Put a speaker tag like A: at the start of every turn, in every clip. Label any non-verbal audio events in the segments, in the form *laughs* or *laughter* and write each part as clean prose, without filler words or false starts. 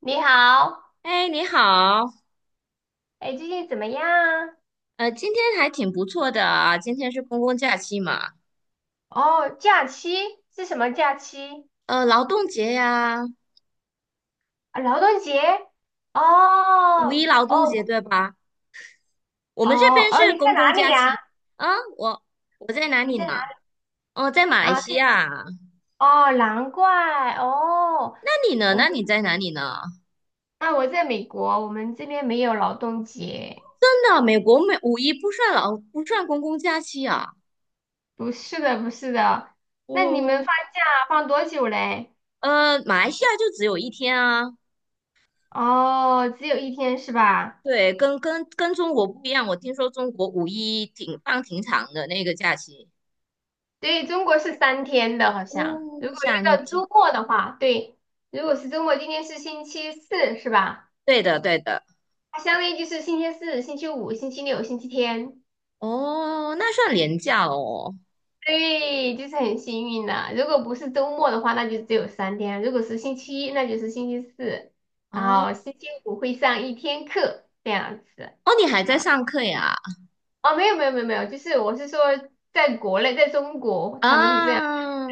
A: 你好，
B: 哎，你好，
A: 哎，最近怎么样啊？
B: 今天还挺不错的啊。今天是公共假期嘛。
A: 哦，假期是什么假期？
B: 劳动节呀。
A: 啊，劳动节？
B: 五一
A: 哦
B: 劳动节
A: 哦。
B: 对吧？我们这
A: 哦
B: 边
A: 哦，
B: 是
A: 你在
B: 公共
A: 哪里
B: 假
A: 呀？
B: 期啊。我我在哪
A: 你
B: 里
A: 在哪
B: 呢？哦，在马来
A: 啊？
B: 西
A: 对。
B: 亚啊。
A: 哦，难怪哦。
B: 那你呢？
A: 我们
B: 那你在哪里呢？
A: 啊，我在美国，我们这边没有劳动节。
B: 真的，美国没五一不算公共假期啊？
A: 不是的，不是的。那你们
B: 哦。
A: 放假放多久嘞？
B: 马来西亚就只有一天啊。
A: 哦，只有一天是吧？
B: 对，跟中国不一样，我听说中国五一挺长的那个假期。
A: 对，中国是三天的，好像。
B: 哦，
A: 如果
B: 想
A: 遇到周末的话，对，如果是周末，今天是星期四，是吧？
B: 对的，对的。
A: 它相当于就是星期四、星期五、星期六、星期天。
B: 哦，那算廉价哦。
A: 对，就是很幸运的。如果不是周末的话，那就只有三天；如果是星期一，那就是星期四，
B: 啊，
A: 然后星期五会上一天课，这样子
B: 哦，你还在
A: 啊。
B: 上课呀？
A: 哦，没有，就是我是说，在国内，在中国，他们是这样。
B: 啊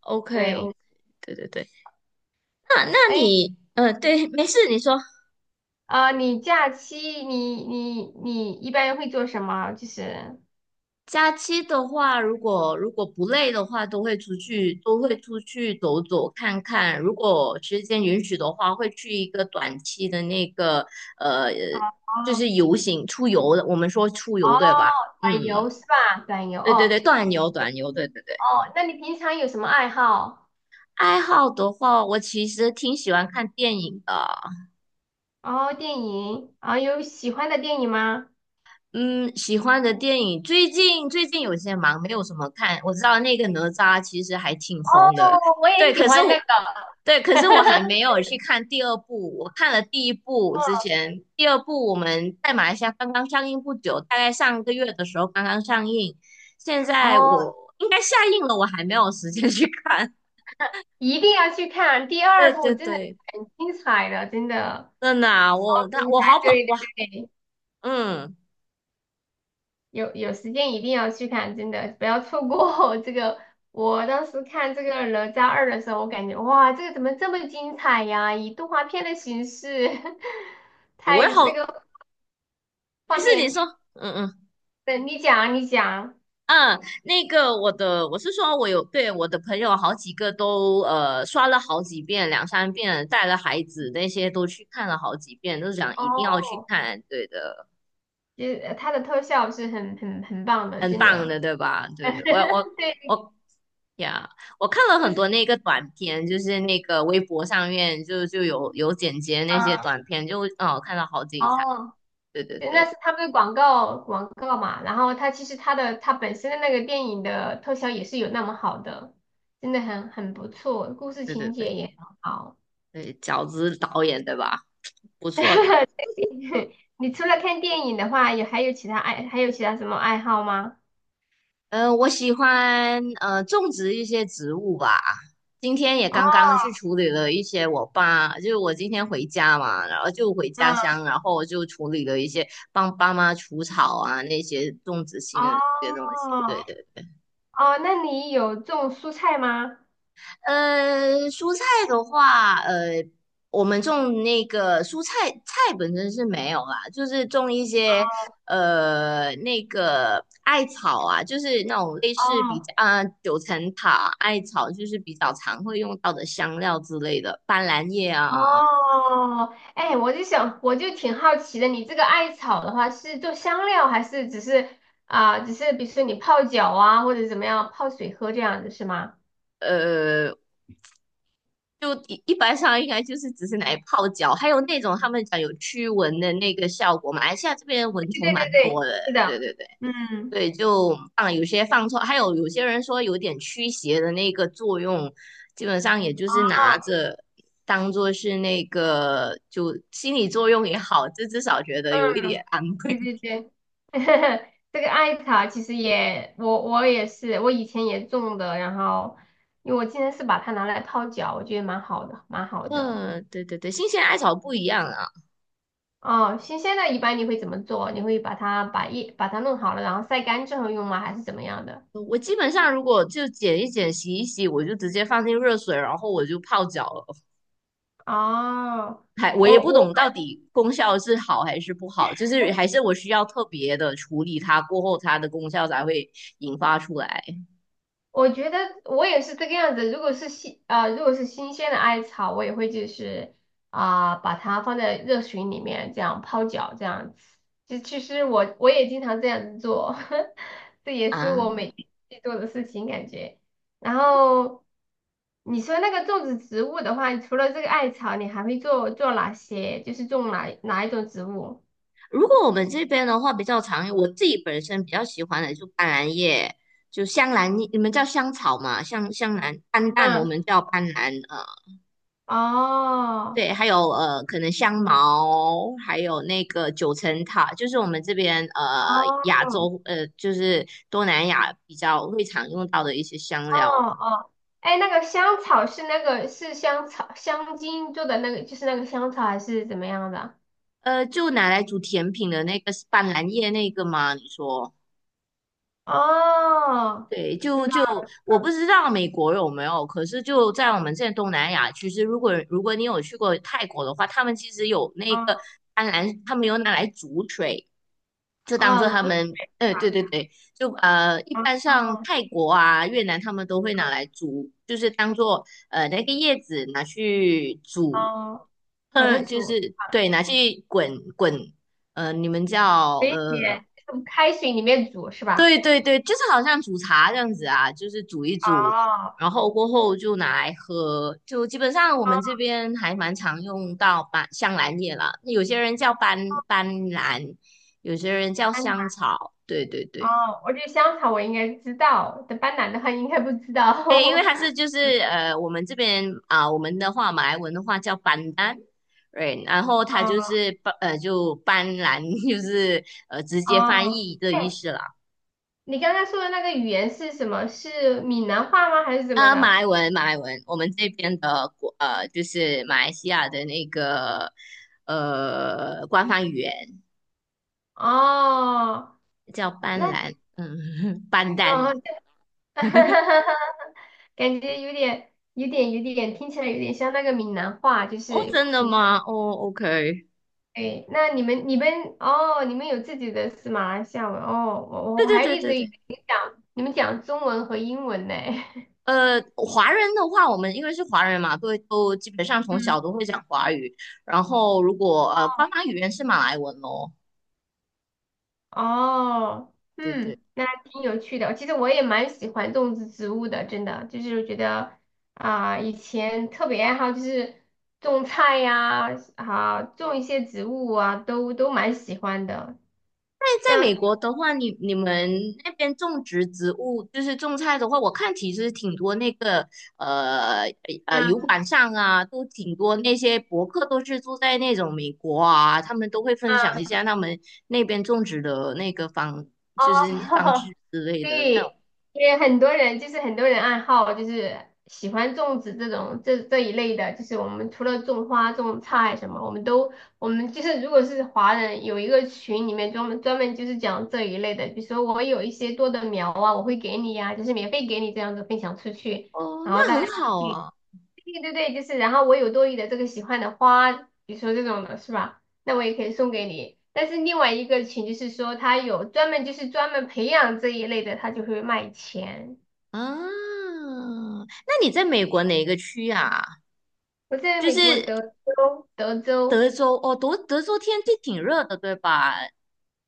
B: ，OK，OK，
A: 对。
B: 对对对。那
A: 哎，
B: 你，对，没事，你说。
A: 你假期你一般会做什么？就是
B: 假期的话，如果不累的话，都会出去，都会出去走走看看。如果时间允许的话，会去一个短期的那个，呃，
A: 哦
B: 就是
A: 哦。
B: 游行出游的，我们说出
A: 哦，
B: 游对吧？嗯，
A: 短游是吧？短游
B: 对对对，
A: 哦。
B: 短游短游，对对对。
A: 哦，那你平常有什么爱好？
B: 爱好的话，我其实挺喜欢看电影的。
A: 哦，电影啊，有喜欢的电影吗？
B: 嗯，喜欢的电影，最近有些忙，没有什么看。我知道那个哪吒其实还挺
A: 哦，
B: 红的，
A: 我也
B: 对。
A: 喜
B: 可是
A: 欢
B: 我
A: 那个。
B: 对，可是
A: *laughs*
B: 我还没有去看第二部。我看了第一部之前，第二部我们在马来西亚刚刚上映不久，大概上个月的时候刚刚上映。现在
A: 哦，
B: 我应该下映了，我还没有时间去看。
A: 一定要去看第
B: *laughs* 对
A: 二部，
B: 对
A: 真的
B: 对，
A: 很精彩的，真的
B: 真的啊，
A: 好
B: 我那
A: 精
B: 我好
A: 彩。
B: 捧
A: 对对
B: 哇。
A: 对，
B: 嗯，
A: 有有时间一定要去看，真的不要错过 *laughs* 这个。我当时看这个《哪吒二》的时候，我感觉哇，这个怎么这么精彩呀？以动画片的形式，*laughs*
B: 我也
A: 太那
B: 好，
A: 个
B: 没
A: 画
B: 事，你
A: 面，
B: 说。嗯嗯
A: 等你讲啊你讲。
B: 嗯，那个我的，我是说，我有对我的朋友好几个都刷了好几遍、两三遍，带了孩子那些都去看了好几遍，都想一定要去
A: 哦，
B: 看，对的，
A: 就是它的特效是很棒的，
B: 很
A: 真
B: 棒
A: 的。
B: 的，对吧？对对，
A: *laughs* 对，
B: 我呀我看了
A: 故
B: 很
A: 事，
B: 多那个短片，就是那个微博上面就有剪辑那些短片，就哦看到好精彩，
A: 哦。
B: 对对
A: 对，那
B: 对
A: 是他们的广告广告嘛，然后他其实他的他本身的那个电影的特效也是有那么好的，真的很不错，故事
B: 对对
A: 情
B: 对
A: 节也很好。
B: 对，饺子导演对吧？不错的。
A: 你除了看电影的话，还有其他什么爱好吗？
B: 嗯，我喜欢种植一些植物吧。今天也
A: 哦，
B: 刚刚去处理了一些我爸，就是我今天回家嘛，然后就回家
A: 嗯，
B: 乡，然后我就处理了一些帮爸妈除草啊那些种植性的那些东西。对
A: 哦，
B: 对。
A: 哦，那你有种蔬菜吗？
B: 蔬菜的话，我们种那个蔬菜，菜本身是没有啦，就是种一些那个艾草啊，就是那种类似比
A: 哦
B: 较啊、九层塔、艾草，就是比较常会用到的香料之类的，斑斓叶啊。
A: 哦。哎，我就想，我就挺好奇的，你这个艾草的话是做香料，还是只是只是比如说你泡脚啊，或者怎么样泡水喝这样子是吗？
B: 呃，就一般上应该就是只是拿来泡脚，还有那种他们讲有驱蚊的那个效果，马来西亚这边蚊
A: 对
B: 虫
A: 对
B: 蛮
A: 对
B: 多，
A: 对，是
B: 对
A: 的，
B: 对对。
A: 嗯，
B: 对，就放有些放错，还有有些人说有点驱邪的那个作用，基本上也就是拿
A: 哦，
B: 着当做是那个就心理作用也好，这至少觉得有一
A: 嗯，
B: 点安
A: 对
B: 慰。
A: 对对，*laughs* 这个艾草其实也，我也是，我以前也种的，然后因为我今天是把它拿来泡脚，我觉得蛮好的，蛮好
B: *laughs*
A: 的。
B: 嗯，对对对，新鲜艾草不一样啊。
A: 哦，新鲜的一般你会怎么做？你会把它把叶把它弄好了，然后晒干之后用吗？还是怎么样的？
B: 我基本上如果就剪一剪、洗一洗，我就直接放进热水，然后我就泡脚了。
A: 哦，
B: 还我也
A: 我
B: 不
A: 我
B: 懂到底功效是好还是不好，就是还是我需要特别的处理它，过后它的功效才会引发出来
A: 我觉得我也是这个样子。如果是新啊，如果是新鲜的艾草，我也会就是把它放在热水里面这样泡脚这样子。就其实我也经常这样子做，*laughs* 这也是我
B: 啊。
A: 每天去做的事情感觉。然后你说那个种植植物的话，除了这个艾草，你还会做哪些？就是种哪一种植物？
B: 如果我们这边的话比较常，我自己本身比较喜欢的就斑斓叶，就香兰叶你们叫香草嘛？香兰、斑斓，我
A: 嗯，
B: 们叫斑斓。
A: 哦
B: 对，还有可能香茅，还有那个九层塔，就是我们这边亚
A: 哦，
B: 洲就是东南亚比较会常用到的一些香料。
A: 哦哦，哎，那个香草是那个是香草香精做的那个，就是那个香草还是怎么样的
B: 就拿来煮甜品的那个是斑斓叶那个吗？你说？
A: 啊？哦，
B: 对，就
A: 知道
B: 就我不知道美国有没有，可是就在我们这东南亚其是如果你有去过泰国的话，他们其实有那个
A: 啊。
B: 甘蓝，他们有拿来煮水，就当做
A: 哦，
B: 他
A: 煮，
B: 们，对对对，就一般
A: 哦
B: 像泰国啊、越南，他们都会拿
A: 哦
B: 来煮，就是当做那个叶子拿去煮，
A: 哦，把它
B: 嗯，就
A: 煮，
B: 是对，拿去滚，你们叫
A: 给你用开水里面煮是吧？
B: 对对对，就是好像煮茶这样子啊，就是煮一煮，
A: 哦
B: 然后过后就拿来喝。就基本上我
A: 哦，
B: 们这边还蛮常用到斑香兰叶啦，有些人叫斑兰，有些人叫
A: 斑斓，
B: 香草。对对对，
A: 哦，我觉得香草我应该知道，但斑斓的话应该不知
B: 对，因为
A: 道。
B: 它是
A: *laughs*
B: 就是我们这边啊、我们的话马来文的话叫斑丹。对，然后它就
A: 哦
B: 是就斑兰，*laughs* 就是直接翻
A: 哦。
B: 译的意
A: 哎，
B: 思啦。
A: 你刚才说的那个语言是什么？是闽南话吗？还是怎么
B: 啊，马
A: 的？
B: 来文，马来文，我们这边的国，就是马来西亚的那个官方语言
A: 哦。
B: 叫
A: 那
B: 班兰，嗯，*laughs* 班丹。
A: 哦，这
B: *laughs*
A: *laughs* 感觉有点，听起来有点像那个闽南话，就
B: 哦，
A: 是
B: 真的
A: 福
B: 吗？
A: 建。
B: 哦，OK，
A: 哎，那你们、你们哦，你们有自己的是马来西亚文哦，我
B: 对
A: 我
B: 对
A: 还
B: 对
A: 一
B: 对
A: 直以
B: 对。
A: 为你讲你们讲中文和英文呢。*laughs*
B: 华人的话，我们因为是华人嘛，都基本上从小
A: 嗯。
B: 都会讲华语，然后如果官
A: 哦。
B: 方语言是马来文咯，
A: 哦，
B: 对对。
A: 嗯，那还挺有趣的。其实我也蛮喜欢种植植物的，真的，就是觉得以前特别爱好就是种菜呀，啊，种一些植物啊，都蛮喜欢的。
B: 在美
A: 像，
B: 国的话，你们那边种植植物，就是种菜的话，我看其实挺多那个呃油
A: 啊
B: 管上啊，都挺多那些博客都是住在那种美国啊，他们都会分享一
A: 啊，
B: 下他们那边种植的那个
A: 哦，
B: 就是方
A: *laughs*
B: 式之类的那种。
A: 对，因为很多人就是很多人爱好就是喜欢种植这种这这一类的，就是我们除了种花、种菜什么，我们都我们就是如果是华人，有一个群里面专门就是讲这一类的，比如说我有一些多的苗啊，我会给你呀，就是免费给你这样子分享出去，
B: 哦，
A: 然后
B: 那
A: 大
B: 很
A: 家都
B: 好
A: 可以。
B: 啊
A: 对对对，就是，然后我有多余的这个喜欢的花，比如说这种的是吧？那我也可以送给你。但是另外一个群就是说，他有专门就是专门培养这一类的，他就会卖钱。
B: 啊！那你在美国哪个区啊？
A: 我在
B: 就
A: 美国
B: 是
A: 德州，德
B: 德
A: 州，
B: 州哦，德州天气挺热的，对吧？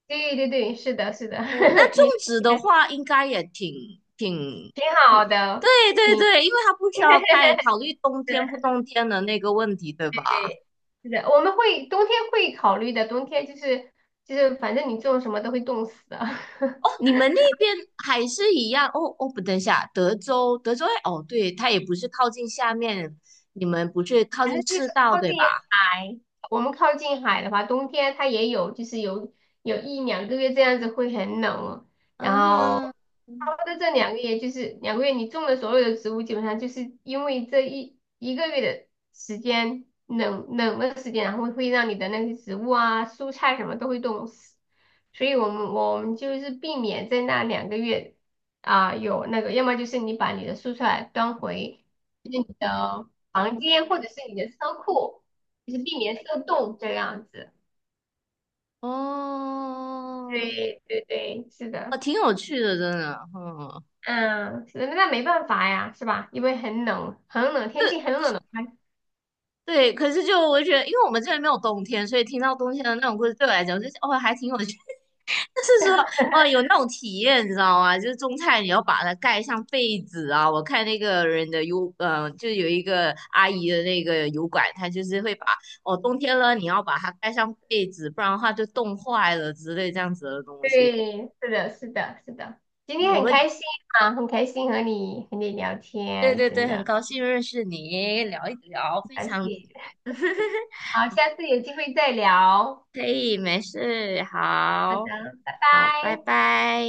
A: 对对对，是的，是的，
B: 哦，那
A: *laughs*
B: 种
A: 你
B: 植
A: 那
B: 的
A: 边
B: 话，应该也
A: 挺好
B: 对
A: 的，
B: 对
A: 挺
B: 对，因为它不需要太考虑冬天不冬天的那个问题，对吧？
A: 对，是的，我们会冬天会考虑的，冬天就是就是反正你种什么都会冻死的。*laughs*
B: 哦，你们那边还是一样？哦哦，不，等一下，德州，德州，哦，对，它也不是靠近下面，你们不是靠
A: 反
B: 近
A: 正就是
B: 赤道，
A: 靠
B: 对
A: 近
B: 吧？
A: 海，我们靠近海的话，冬天它也有，就是有一两个月这样子会很冷哦。然
B: 嗯哼，
A: 后差不多这两个月，就是两个月，你种的所有的植物，基本上就是因为这一个月的时间冷的时间，然后会让你的那些植物啊、蔬菜什么都会冻死。所以我们就是避免在那两个月有那个，要么就是你把你的蔬菜端回就是你的房间或者是你的车库，就是避免受冻这样子。
B: 哦，
A: 对对对，是
B: 哦，
A: 的。
B: 挺有趣的，真的，嗯。
A: 嗯，那没办法呀，是吧？因为很冷，很冷，天
B: 对
A: 气很冷的话，
B: 对，可是就我觉得，因为我们这边没有冬天，所以听到冬天的那种故事，对我来讲就是哦，还挺有趣，就是说，哦，有那种体验，你知道吗？就是种菜，你要把它盖上被子啊。我看那个人的油，嗯、就有一个阿姨的那个油管，她就是会把，哦，冬天了，你要把它盖上被子，不然的话就冻坏了之类这样子的东西。
A: 对，是的，是的，是的。今天
B: 我
A: 很
B: 们
A: 开心啊，很开心和你和你聊
B: 对
A: 天，
B: 对对，
A: 真
B: 很
A: 的
B: 高兴认识你，聊一聊，
A: 很
B: 非
A: 开
B: 常
A: 心。
B: *laughs*
A: 好，下次有机会再聊。
B: 可以，没事，
A: 好的，
B: 好，
A: 拜
B: 好，拜
A: 拜。
B: 拜。